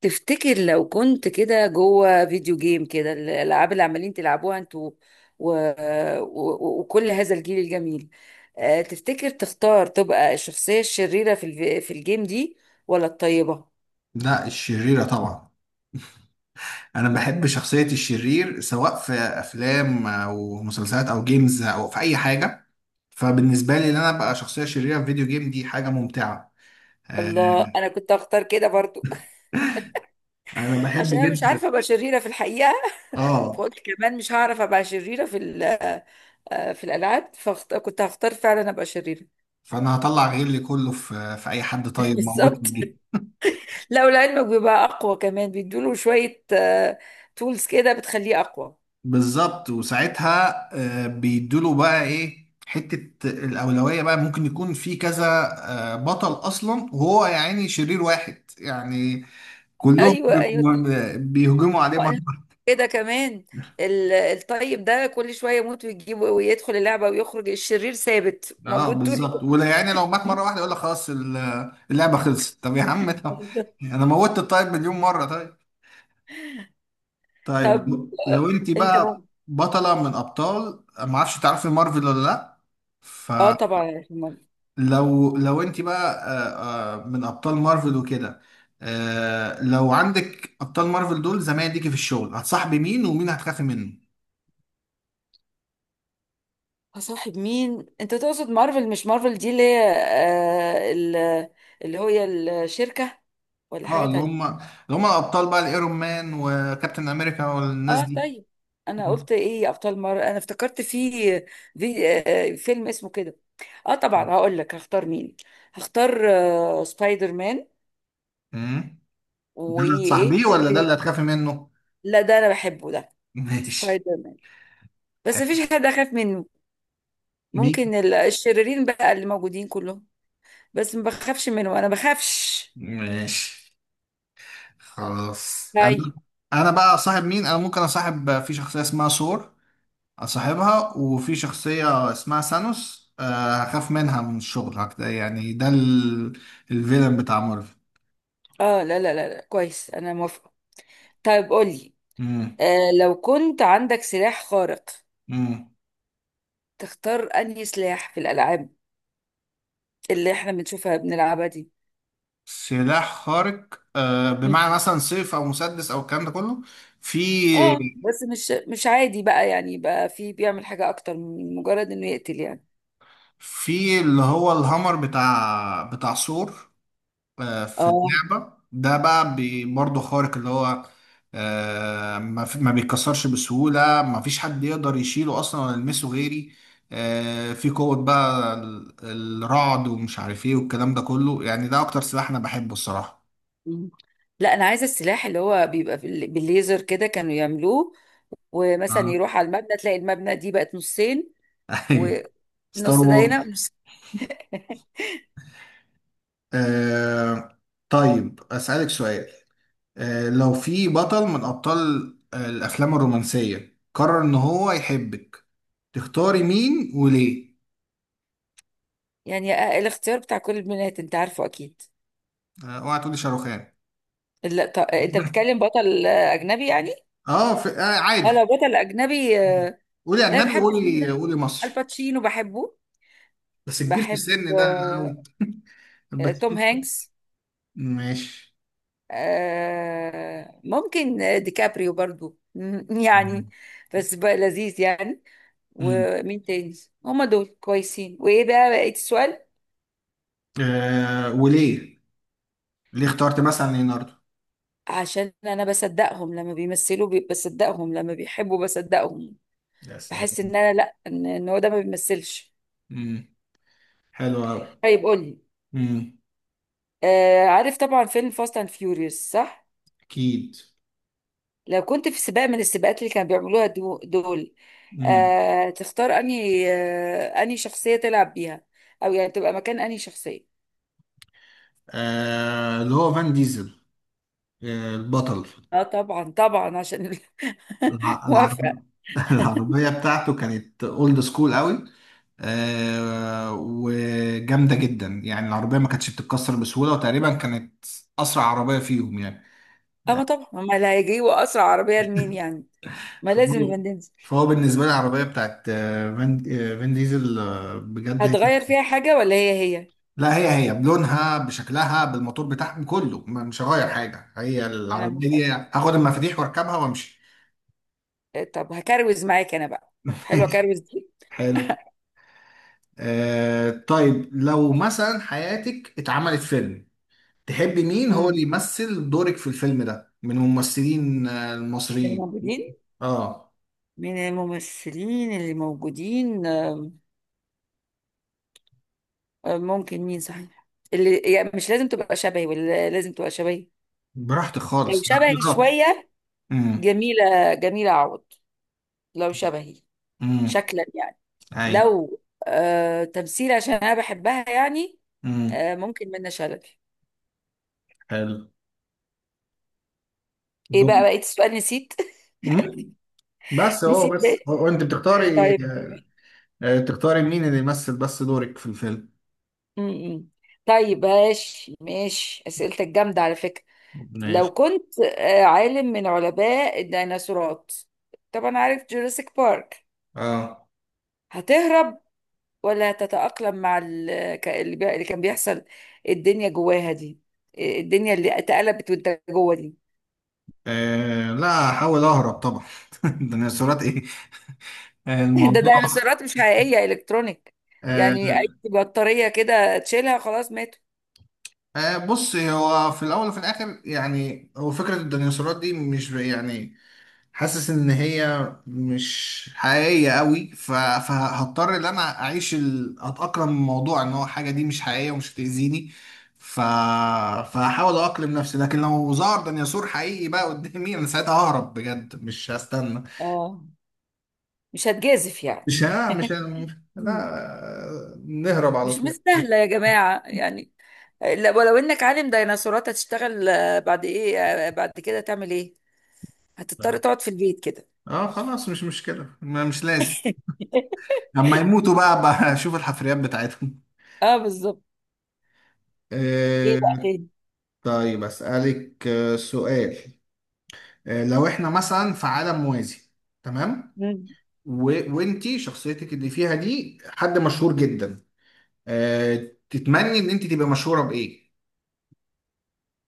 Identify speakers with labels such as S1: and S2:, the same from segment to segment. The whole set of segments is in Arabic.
S1: تفتكر لو كنت كده جوه فيديو جيم كده الألعاب اللي عمالين تلعبوها انتوا و... و... وكل هذا الجيل الجميل. تفتكر تختار تبقى الشخصية الشريرة في الجيم دي ولا الطيبة؟
S2: لا الشريرة طبعا. أنا بحب شخصية الشرير سواء في أفلام أو مسلسلات أو جيمز أو في أي حاجة. فبالنسبة لي إن أنا أبقى شخصية شريرة في فيديو جيم دي حاجة ممتعة. آه،
S1: الله، أنا كنت أختار كده برضو.
S2: أنا بحب
S1: عشان أنا مش
S2: جدا.
S1: عارفة أبقى شريرة في الحقيقة،
S2: آه
S1: فقلت كمان مش هعرف أبقى شريرة في الألعاب، فكنت هختار فعلا أبقى شريرة.
S2: فأنا هطلع غيري كله في أي حد طيب موجود في
S1: بالظبط.
S2: الجيم.
S1: لو لعلمك بيبقى أقوى كمان، بيدوله شوية تولز كده بتخليه أقوى.
S2: بالظبط، وساعتها بيدوله بقى إيه حتة الأولوية، بقى ممكن يكون في كذا بطل أصلا، وهو يعني شرير واحد يعني كلهم
S1: ايوه ايوه.
S2: بيهجموا عليه مره
S1: طبقنا
S2: واحدة.
S1: كده كمان. الطيب ده كل شويه يموت ويجيب ويدخل اللعبه ويخرج، الشرير ثابت
S2: اه
S1: موجود طول
S2: بالظبط،
S1: الوقت.
S2: ولا يعني لو مات مره واحده يقول لك خلاص اللعبه خلصت. طب يا عم، طب
S1: بالظبط.
S2: انا موتت الطيب مليون مره. طيب طيب،
S1: طب آه،
S2: لو انت
S1: انت
S2: بقى
S1: مو...
S2: بطله من ابطال، ما اعرفش تعرفي مارفل ولا لا؟
S1: اه طبعا مارفل.
S2: فلو انت بقى من ابطال مارفل وكده، لو عندك ابطال مارفل دول زمايل ليكي في الشغل، هتصاحبي مين ومين هتخافي منه؟
S1: هصاحب مين، انت تقصد مارفل؟ مش مارفل دي اللي هي اللي هي الشركه؟ ولا
S2: اه
S1: حاجه
S2: اللي هم،
S1: تانية؟
S2: اللي هم الابطال بقى، الايرون مان وكابتن امريكا والناس
S1: اه
S2: دي.
S1: طيب. انا
S2: مم.
S1: قلت ايه يا ابطال؟ مره انا افتكرت في في فيلم اسمه كده. اه طبعا هقول لك هختار مين. هختار سبايدر مان.
S2: مم. ده اللي
S1: وايه
S2: هتصاحبيه
S1: قلت
S2: ولا ده
S1: لي؟
S2: اللي هتخافي منه؟
S1: لا ده انا بحبه ده،
S2: ماشي.
S1: سبايدر مان. بس
S2: حلو.
S1: مفيش حد اخاف منه.
S2: مين؟
S1: ممكن الشريرين بقى اللي موجودين كلهم، بس ما بخافش منه، انا بخافش.
S2: ماشي خلاص. انا
S1: طيب.
S2: انا بقى صاحب مين؟ انا ممكن اصاحب في شخصيه اسمها سور، اصاحبها، وفي شخصيه اسمها سانوس هخاف منها من الشغل هكذا يعني. ده الفيلن بتاع مارفل.
S1: اه لا لا لا، لا. كويس، انا موافقه. طيب قولي.
S2: مم.
S1: آه، لو كنت عندك سلاح خارق،
S2: مم.
S1: تختار انهي سلاح في الالعاب اللي احنا بنشوفها بنلعبها دي؟
S2: سلاح خارق
S1: مم.
S2: بمعنى مثلا سيف او مسدس او الكلام ده كله؟ في
S1: اه بس مش عادي بقى، يعني بقى في بيعمل حاجة اكتر من مجرد انه يقتل يعني.
S2: اللي هو الهامر بتاع ثور، في
S1: اه.
S2: اللعبة ده بقى برضه خارق. اللي هو ما بيتكسرش بسهولة، ما فيش حد يقدر يشيله اصلا ولا يلمسه غيري، في قوة بقى الرعد ومش عارف ايه والكلام ده كله. يعني ده اكتر سلاح انا بحبه الصراحة.
S1: مم. لا انا عايزة السلاح اللي هو بيبقى بالليزر كده كانوا يعملوه، ومثلا
S2: اه.
S1: يروح على المبنى تلاقي المبنى دي بقت نصين،
S2: ايوه، ستار
S1: والنص ده هنا
S2: وورز.
S1: والنص-
S2: آه طيب، أسألك سؤال. آه لو في بطل من أبطال آه الأفلام الرومانسية قرر إن هو يحبك، تختاري مين وليه؟
S1: يعني الاختيار بتاع كل البنات انت عارفه اكيد.
S2: آه اوعى تقولي شاروخان.
S1: لا طب انت بتتكلم بطل اجنبي يعني.
S2: اه، في... آه
S1: اه
S2: عادي.
S1: لو بطل اجنبي
S2: قولي
S1: لا انا
S2: أجنبي،
S1: بحب اسمه إيه
S2: قولي،
S1: ده،
S2: مصري.
S1: الباتشينو، بحبه.
S2: بس كبير في
S1: بحب
S2: السن ده أوي.
S1: توم
S2: الباتشينو.
S1: هانكس.
S2: ماشي.
S1: ممكن ديكابريو برضو. يعني
S2: مم.
S1: بس بقى لذيذ يعني.
S2: مم.
S1: ومين تاني؟ هما دول كويسين. وايه بقى بقيت السؤال؟
S2: آه وليه؟ ليه اخترت مثلا ليوناردو؟
S1: عشان انا بصدقهم لما بيمثلوا، بصدقهم لما بيحبوا، بصدقهم.
S2: يا
S1: بحس
S2: سلام.
S1: ان انا، لا، إن هو ده ما بيمثلش.
S2: مم. حلو أوي.
S1: طيب قولي.
S2: مم.
S1: آه، عارف طبعا فيلم فاست اند فيوريوس، صح؟
S2: أكيد.
S1: لو كنت في سباق من السباقات اللي كانوا بيعملوها دول، تختار انهي شخصية تلعب بيها، او يعني تبقى مكان انهي شخصية؟
S2: آه اللي هو فان ديزل، آه البطل.
S1: اه طبعا طبعا عشان
S2: العرب...
S1: موافقة.
S2: العربية بتاعته كانت اولد سكول قوي. آه وجامدة جدا يعني. العربية ما كانتش بتتكسر بسهولة، وتقريبا كانت أسرع عربية فيهم يعني.
S1: اما طبعا ما اللي هيجيبوا اسرع عربية لمين يعني؟ ما لازم
S2: فهو
S1: فان ديزل.
S2: فهو بالنسبة لي العربية بتاعت فان ديزل بجد هي...
S1: هتغير فيها حاجة ولا هي هي؟
S2: لا هي، هي بلونها بشكلها بالموتور بتاعهم كله، مش هغير حاجة. هي
S1: انا
S2: العربية
S1: موافقة.
S2: دي هاخد المفاتيح واركبها وامشي.
S1: طب هكروز معاك انا بقى، حلوة كروز دي.
S2: حلو. آه طيب، لو مثلا حياتك اتعملت فيلم، تحبي مين هو اللي
S1: امم،
S2: يمثل دورك في الفيلم ده من الممثلين المصريين؟
S1: الموجودين.
S2: اه.
S1: من الممثلين اللي موجودين، ممكن مين صحيح؟ اللي يعني مش لازم تبقى شبهي، ولا لازم تبقى شبهي.
S2: براحتك
S1: لو
S2: خالص، ده
S1: شبهي
S2: اختيارات.
S1: شوية،
S2: امم.
S1: جميلة جميلة عوض. لو شبهي
S2: امم.
S1: شكلا يعني.
S2: اي.
S1: لو آه تمثيل، عشان أنا بحبها يعني،
S2: امم.
S1: آه ممكن منة شلبي.
S2: حلو.
S1: إيه
S2: دور.
S1: بقى بقيت السؤال؟ نسيت.
S2: امم. بس هو،
S1: نسيت بقى.
S2: هو انت بتختاري
S1: طيب
S2: تختاري مين اللي يمثل بس دورك في الفيلم.
S1: م -م. طيب ماشي ماشي، أسئلتك جامدة على فكرة. لو
S2: ماشي.
S1: كنت آه عالم من علماء الديناصورات، طبعا عارف جوراسيك بارك،
S2: اه.
S1: هتهرب ولا تتأقلم مع اللي كان بيحصل؟ الدنيا جواها دي، الدنيا اللي اتقلبت وانت جوه دي.
S2: لا هحاول اهرب طبعا. ده انا صورات ايه؟ آه،
S1: ده
S2: الموضوع
S1: ديناصورات مش حقيقية، إلكترونيك يعني.
S2: آه،
S1: أي بطارية كده تشيلها خلاص ماتوا.
S2: آه، بص، هو في الاول وفي الاخر يعني، هو فكره الديناصورات دي مش يعني حاسس ان هي مش حقيقيه قوي. فهضطر ان انا اعيش اتاقلم الموضوع ان هو حاجه دي مش حقيقيه ومش هتاذيني. ف... فهحاول اقلم نفسي، لكن لو ظهر ديناصور حقيقي بقى قدامي انا ساعتها ههرب بجد مش هستنى.
S1: اه، مش هتجازف يعني.
S2: مش ها مش ه-
S1: مم.
S2: لا نهرب على
S1: مش
S2: طول.
S1: مستاهلة يا جماعة يعني. لا، ولو إنك عالم ديناصورات هتشتغل بعد إيه، بعد كده تعمل إيه؟ هتضطر تقعد في البيت كده؟
S2: اه خلاص مش مشكله، مش لازم. لما يموتوا بقى اشوف الحفريات بتاعتهم.
S1: اه بالظبط. ايه بقى
S2: آه،
S1: تاني؟
S2: طيب أسألك سؤال. لو احنا مثلا في عالم موازي، تمام؟
S1: مم.
S2: و... وانتي شخصيتك اللي فيها دي حد مشهور جدا، تتمني ان انت تبقى مشهورة بإيه؟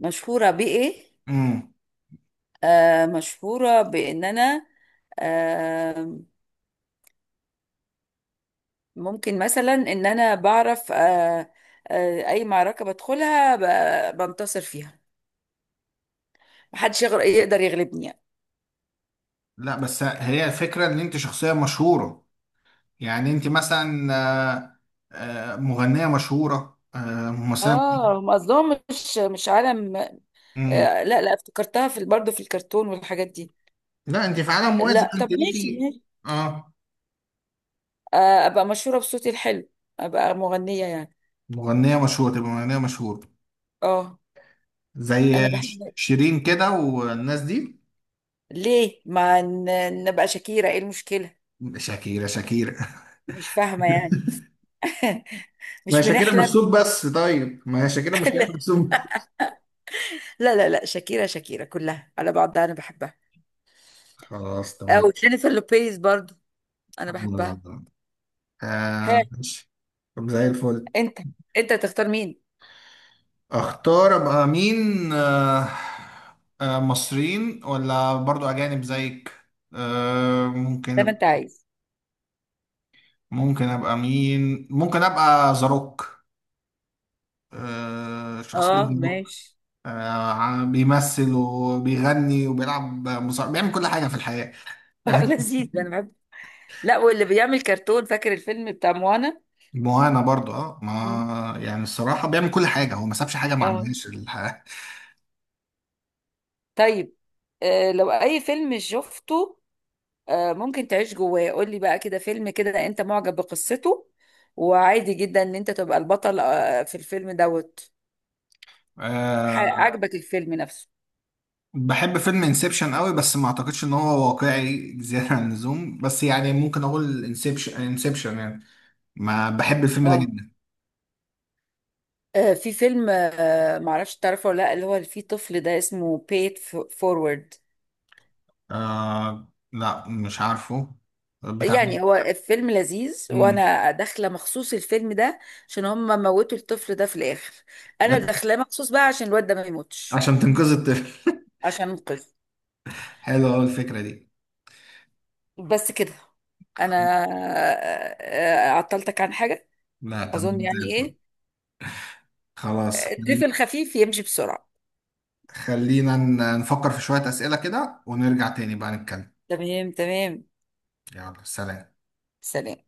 S1: مشهورة بإيه؟
S2: امم.
S1: مشهورة بإن أنا، آه، ممكن مثلا إن أنا بعرف، أي معركة بدخلها بنتصر فيها، محدش يقدر يغلبني يعني.
S2: لا بس هي الفكره ان انت شخصيه مشهوره، يعني انت مثلا آه، مغنيه مشهوره، آه، ممثله.
S1: اه هم قصدهم مش مش عالم.
S2: امم.
S1: لا لا، افتكرتها في برضه في الكرتون والحاجات دي.
S2: لا انت في عالم موازي
S1: لا طب
S2: انت
S1: ماشي
S2: ليكي.
S1: ماشي.
S2: اه.
S1: أبقى مشهورة بصوتي الحلو، أبقى مغنية يعني.
S2: مغنية مشهورة، تبقى مغنية مشهورة
S1: اه أنا
S2: زي
S1: بحب.
S2: شيرين كده والناس دي.
S1: ليه ما نبقى شاكيرة، إيه المشكلة؟
S2: شاكيرا، شاكيرا.
S1: مش فاهمة يعني.
S2: ما
S1: مش
S2: هي شاكيرا مش صوت
S1: بنحلم؟
S2: بس، طيب ما هي شاكيرا مش
S1: لا
S2: لازم صوت.
S1: لا لا، لا شاكيرا، شاكيرا كلها على بعضها انا بحبها.
S2: خلاص
S1: او
S2: تمام.
S1: جينيفر لوبيز برضو، انا
S2: الحمد لله
S1: بحبها.
S2: تمام. آه
S1: ها،
S2: ماشي. طب زي الفل.
S1: انت انت تختار مين؟
S2: اختار ابقى مين؟ آه مصريين ولا برضو اجانب زيك؟ آه
S1: زي ما
S2: ممكن
S1: انت
S2: أب-
S1: عايز.
S2: ممكن ابقى مين؟ ممكن ابقى زاروك، آه شخصية
S1: اه
S2: زاروك.
S1: ماشي.
S2: بيمثل وبيغني وبيلعب مصارعة، بيعمل كل حاجة في الحياة
S1: اه
S2: يعني.
S1: لذيذ انا بحب. لا واللي بيعمل كرتون، فاكر الفيلم بتاع موانا.
S2: مهانة برضو اه.
S1: مم.
S2: ما يعني الصراحة بيعمل كل حاجة، هو ما سابش حاجة ما
S1: اه
S2: عملهاش الحياة.
S1: طيب. آه لو اي فيلم شفته، آه ممكن تعيش جواه، قول لي بقى كده فيلم كده انت معجب بقصته، وعادي جدا ان انت تبقى البطل آه في الفيلم دوت.
S2: أه
S1: عجبك الفيلم نفسه.
S2: بحب فيلم انسبشن قوي، بس ما اعتقدش ان هو واقعي زيادة عن اللزوم. بس يعني ممكن اقول انسبشن، يعني ما بحب الفيلم ده
S1: اه
S2: جدا.
S1: في فيلم معرفش تعرفه ولا لا، اللي هو اللي فيه طفل ده، اسمه Paid Forward.
S2: أه لا مش عارفه. بتاع
S1: يعني
S2: مين؟
S1: هو الفيلم لذيذ،
S2: مم.
S1: وانا داخله مخصوص الفيلم ده عشان هم موتوا الطفل ده في الاخر. انا
S2: لا،
S1: داخله مخصوص بقى عشان الواد ده ما يموتش،
S2: عشان تنقذ الطفل.
S1: عشان انقذه.
S2: حلوة أوي الفكرة دي.
S1: بس كده. انا عطلتك عن حاجه
S2: لا
S1: اظن
S2: تمام زي
S1: يعني
S2: الفل.
S1: ايه.
S2: خلاص
S1: الضيف الخفيف يمشي بسرعه.
S2: خلينا نفكر في شوية أسئلة كده ونرجع تاني بقى نتكلم.
S1: تمام تمام.
S2: يلا سلام.
S1: سلام.